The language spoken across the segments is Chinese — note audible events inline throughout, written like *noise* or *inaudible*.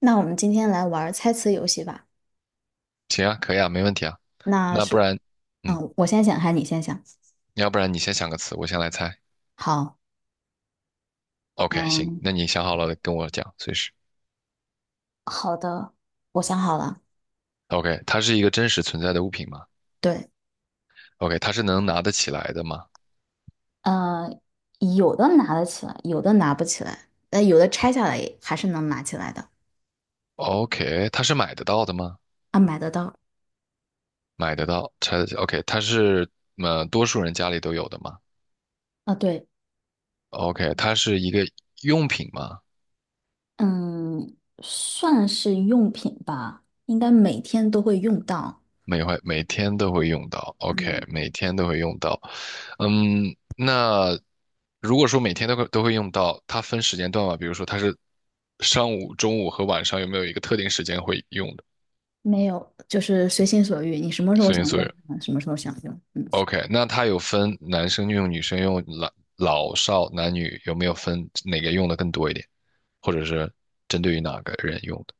那我们今天来玩儿猜词游戏吧。行啊，可以啊，没问题啊。那那不是，然，嗯，我先想，还是你先想？要不然你先想个词，我先来猜。好，OK，行，嗯，那你想好了跟我讲，随时。好的，我想好了。OK，它是一个真实存在的物品吗对，？OK，它是能拿得起来的吗呃，有的拿得起来，有的拿不起来，有的拆下来也还是能拿起来的，？OK，它是买得到的吗？啊，买得到。买得到，拆得起。OK，它是多数人家里都有的吗啊，对，？OK，它是一个用品吗？嗯，算是用品吧，应该每天都会用到。每回每天都会用到，OK，嗯，每天都会用到。嗯，那如果说每天都会用到，它分时间段嘛，比如说它是上午、中午和晚上，有没有一个特定时间会用的？没有，就是随心所欲，你什么时候随心想所用，欲。 什么时候想用。嗯 o k 那它有分男生用、女生用、老老少男女，有没有分哪个用的更多一点，或者是针对于哪个人用的？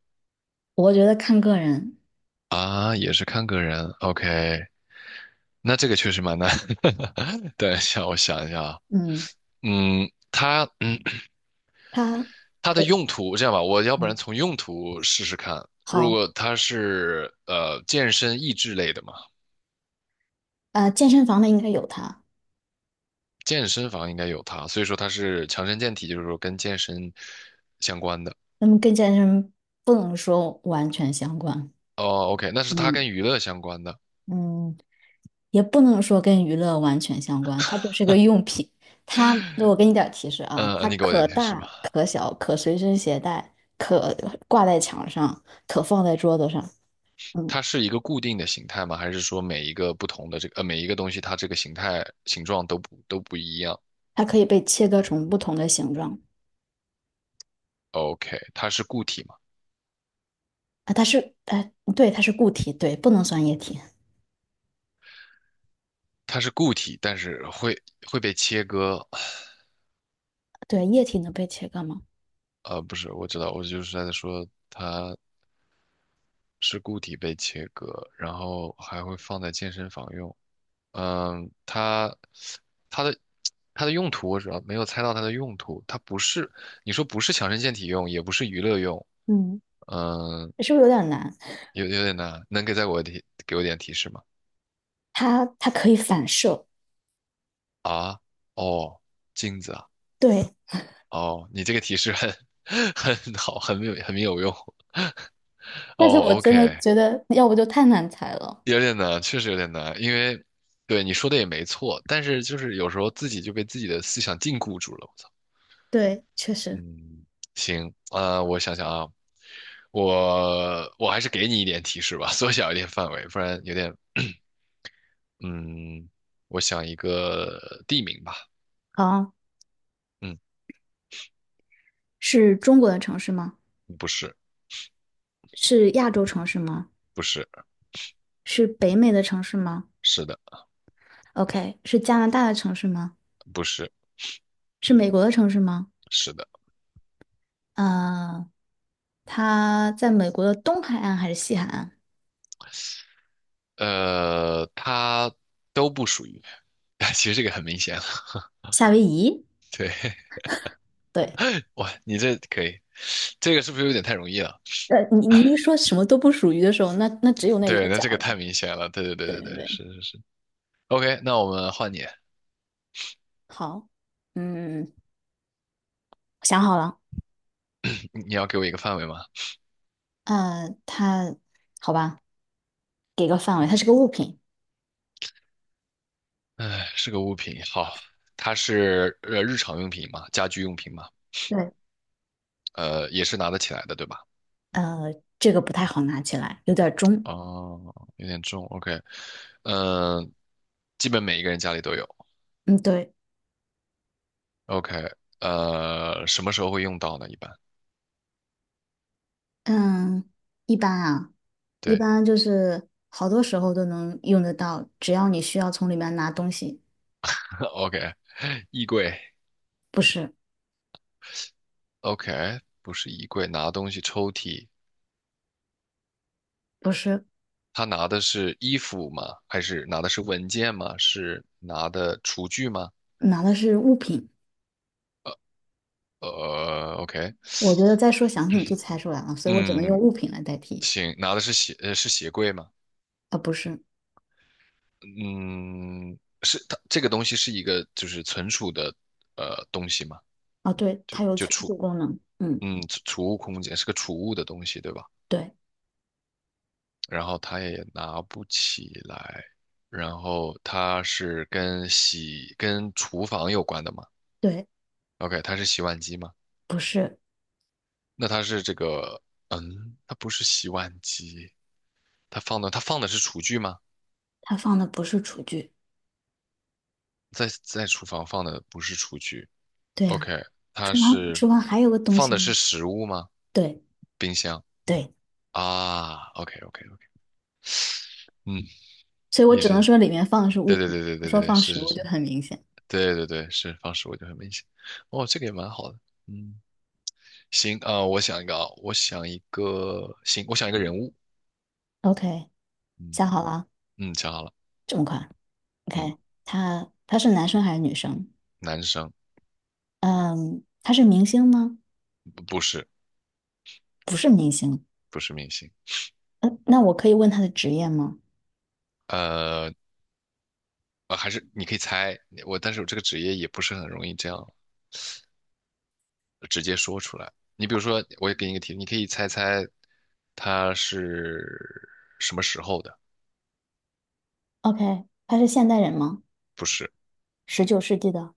我觉得看个人，啊，也是看个人，OK，那这个确实蛮难。*laughs* 等一下，我想一下啊，嗯，嗯，它，*clears throat* 嗯。他它的我用途，这样吧，我要不然嗯，从用途试试看。如好，果它是健身益智类的嘛，健身房的应该有它，健身房应该有它，所以说它是强身健体，就是说跟健身相关的。那么跟健身不能说完全相关，哦，OK，那是它嗯，跟娱乐相关的。嗯，也不能说跟娱乐完全相关，它就是个用品。我给你点儿提示啊，嗯，它你给我可点提示大吧。可小，可随身携带，可挂在墙上，可放在桌子上。嗯，它是一个固定的形态吗？还是说每一个不同的每一个东西它这个形状都不一样它可以被切割成不同的形状？OK，它是固体吗？啊。哎，对，它是固体，对，不能算液体。它是固体，但是会被切割。*sighs* 对，液体能被切割吗？呃，不是，我知道，我就是在说它是固体被切割，然后还会放在健身房用。嗯，它的它的用途我主要没有猜到它的用途，它不是你说不是强身健体用，也不是娱乐用，嗯，嗯，是不是有点难？有点难，能给再给我提给我点提示吗？它可以反射。啊，哦，镜子啊，对，哦，你这个提示很 *laughs* 很好，很有用。但是我哦真的，OK，觉得，要不就太难猜了。有点难，确实有点难，因为对你说的也没错，但是就是有时候自己就被自己的思想禁锢住了。我操，对，确实。嗯，行，啊，我想想啊，我还是给你一点提示吧，缩小一点范围，不然有点，*clears throat* 嗯，我想一个地名吧，好，嗯，是中国的城市吗？不是，是亚洲城市吗？不是，是北美的城市吗是的，？OK，是加拿大的城市吗？不是，是美国的城市吗？是的，呃，它在美国的东海岸还是西海岸？呃，它都不属于，*laughs* 其实这个很明显了，夏威夷？对，*laughs* 对，哇，你这可以，这个是不是有点太容易了？你一说什么都不属于的时候，那只有那一个对，那角这个了。太明显了。对对对对对对对，对，是是是。OK，那我们换你，好，嗯，想好了。你你要给我一个范围吗？呃，它，好吧，给个范围，它是个物品。哎，是个物品。好，它是日常用品嘛，家居用品嘛，对，呃，也是拿得起来的，对吧？这个不太好拿起来，有点重。哦，有点重。OK，嗯、基本每一个人家里都有。嗯，对，OK，呃，什么时候会用到呢？一般，嗯，一般啊，一对。 般就是好多时候都能用得到，只要你需要从里面拿东西，*laughs*，OK，衣柜不是，，OK，不是衣柜，拿东西抽屉，不是，他拿的是衣服吗？还是拿的是文件吗？是拿的厨具吗？拿的是物品。呃，OK，我觉得再说详细你就猜出来了，所以我只能用嗯，物品来代替。行，拿的是鞋，呃，是鞋柜吗？啊，不是，嗯，是它这个东西是一个就是存储的东西吗？啊，对，就它有就存储，储功能。嗯，嗯，储储物空间是个储物的东西，对吧？对，然后它也拿不起来，然后它是跟厨房有关的吗对，？OK，它是洗碗机吗？不是，那它是这个，嗯，它不是洗碗机，它放的是厨具吗？它放的不是厨具。在在厨房放的不是厨具对呀、啊，OK，它是厨房还有个东放西的是呢。食物吗？对，冰箱对。啊，OK OK OK，嗯，所以我也只能是，说里面放的是物对对品，对对我对说对对，放是食是物就是，很明显。对对对是放食物就很明显，哦，这个也蛮好的，嗯，行啊，我想一个啊，我想一个，行，我想一个人物，OK，嗯想好了，嗯，想好了，这么快嗯，？OK，他是男生还是女生？男生，嗯，他是明星吗？不不是明星。不是明星。嗯，那我可以问他的职业吗呃，呃，还是你可以猜我，但是我这个职业也不是很容易这样直接说出来。你比如说，我也给你一个题，你可以猜猜它是什么时候的？？OK，他是现代人吗？不是，19世纪的，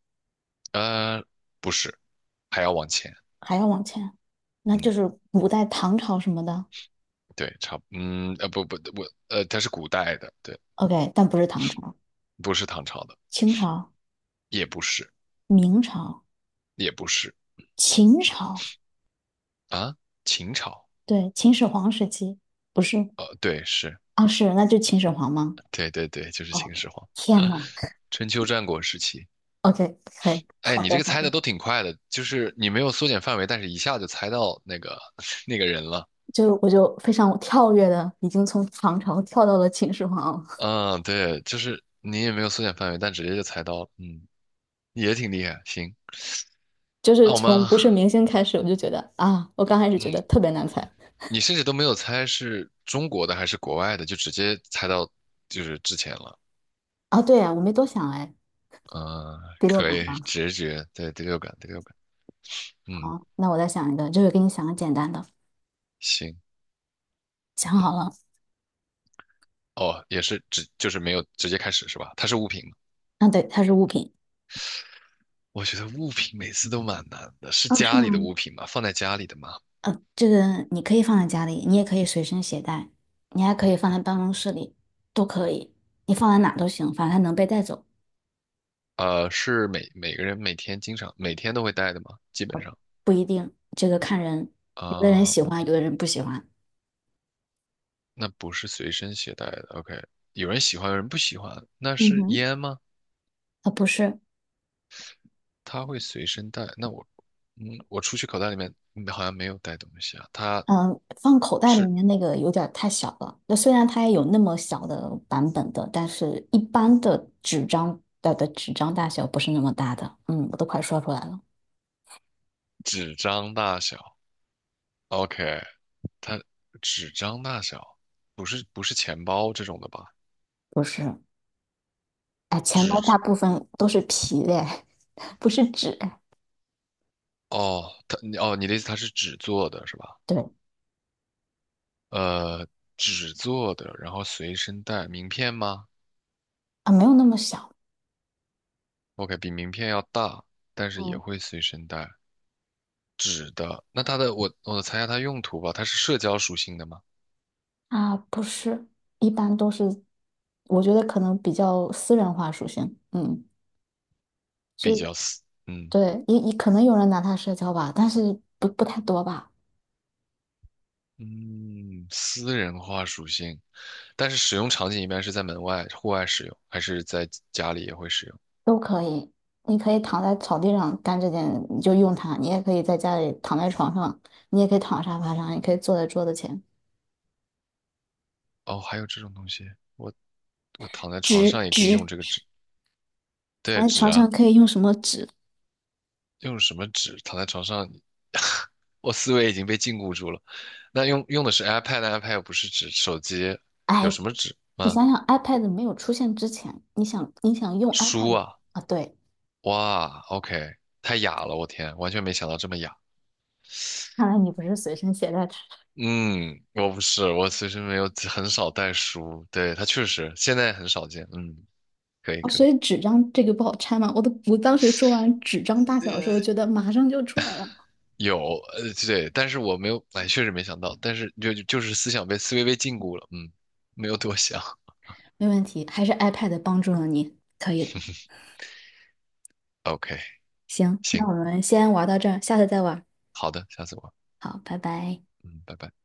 呃，不是，还要往前。还要往前，那就嗯，是古代唐朝什么的。对，差不，嗯，呃，不不，我，呃，它是古代的，对，OK，但不是唐朝，不是唐朝的，清朝、也不是，明朝、也不是秦朝，啊，秦朝，对，秦始皇时期，不是呃，对，是，啊，是，那就秦始皇吗？对对对，就是哦，秦始皇，天呐！春秋战国时期。OK，可以，哎，好你这的，个好猜的，的都挺快的，就是你没有缩减范围，但是一下就猜到那个 *laughs* 那个人了。我就非常跳跃的，已经从唐朝跳到了秦始皇了 嗯，对，就是你也没有缩减范围，但直接就猜到了。嗯，也挺厉害。行，*laughs* 就是那我们，从不是明星开始，我就觉得啊，我刚开始觉嗯，得特别难猜你甚至都没有猜是中国的还是国外的，就直接猜到就是之前了。啊，对呀，我没多想哎，嗯，第六可感以，吧。直觉，对，第六感，第六感。嗯，好，那我再想一个，就是给你想个简单的，行。想好了，哦，也是直，就是没有直接开始是吧？它是物品吗？啊，对，它是物品，我觉得物品每次都蛮难的，是啊，是家吗？里的物品吗？放在家里的吗？这个你可以放在家里，你也可以随身携带，你还可以放在办公室里，都可以，你放在哪都行，反正它能被带走。呃，是每个人每天都会带的吗？基本上不一定，这个看人，有的人啊喜欢，，OK，有的人不喜欢。那不是随身携带的，OK，有人喜欢，有人不喜欢，那嗯是哼，烟吗？啊，不是，他会随身带，那我，嗯，我出去口袋里面好像没有带东西啊，它嗯、放口袋里是面那个有点儿太小了。那虽然它也有那么小的版本的，但是一般的纸张的纸张大小不是那么大的。嗯，我都快说出来了，纸张大小，OK，它纸张大小，不是钱包这种的吧？不是。哎，钱包大纸，部分都是皮的，*laughs* 不是纸。哦，你的意思它是纸做的是吧？对呃，纸做的，然后随身带，名片吗？啊，没有那么小 OK，比名片要大，但是也嗯，会随身带。纸的，那它的我猜一下它用途吧，它是社交属性的吗？啊，不是，一般都是，我觉得可能比较私人化属性。嗯，比就较私，嗯对，也可能有人拿它社交吧，但是不太多吧，嗯，私人化属性，但是使用场景一般是在门外、户外使用，还是在家里也会使用？都可以。你可以躺在草地上干这件，你就用它；你也可以在家里躺在床上，你也可以躺沙发上，你可以坐在桌子前。哦，还有这种东西，我我躺在床纸上也可以用纸，这个纸，躺对，在纸床啊，上可以用什么纸？用什么纸？躺在床上，*laughs* 我思维已经被禁锢住了。那用的是 iPad，iPad 又不是指手机，有哎，什么纸你吗？想想，iPad 没有出现之前，你想用 书 iPad 啊，啊？对，哇，OK，太雅了，我天，完全没想到这么雅。看来你不是随身携带纸。嗯，我不是，我其实没有，很少带书。对，它确实现在很少见。嗯，可以哦，可以。所以纸张这个不好拆吗？我当时说完纸张大小的时呃，候，觉得马上就出来了。有，呃，对，但是我没有，哎，确实没想到，但是思维被禁锢了。嗯，没有多想。没问题，还是 iPad 帮助了你，可以的。*laughs* OK，行，那行，我们先玩到这儿，下次再玩。好的，下次玩。好，拜拜。嗯，拜拜。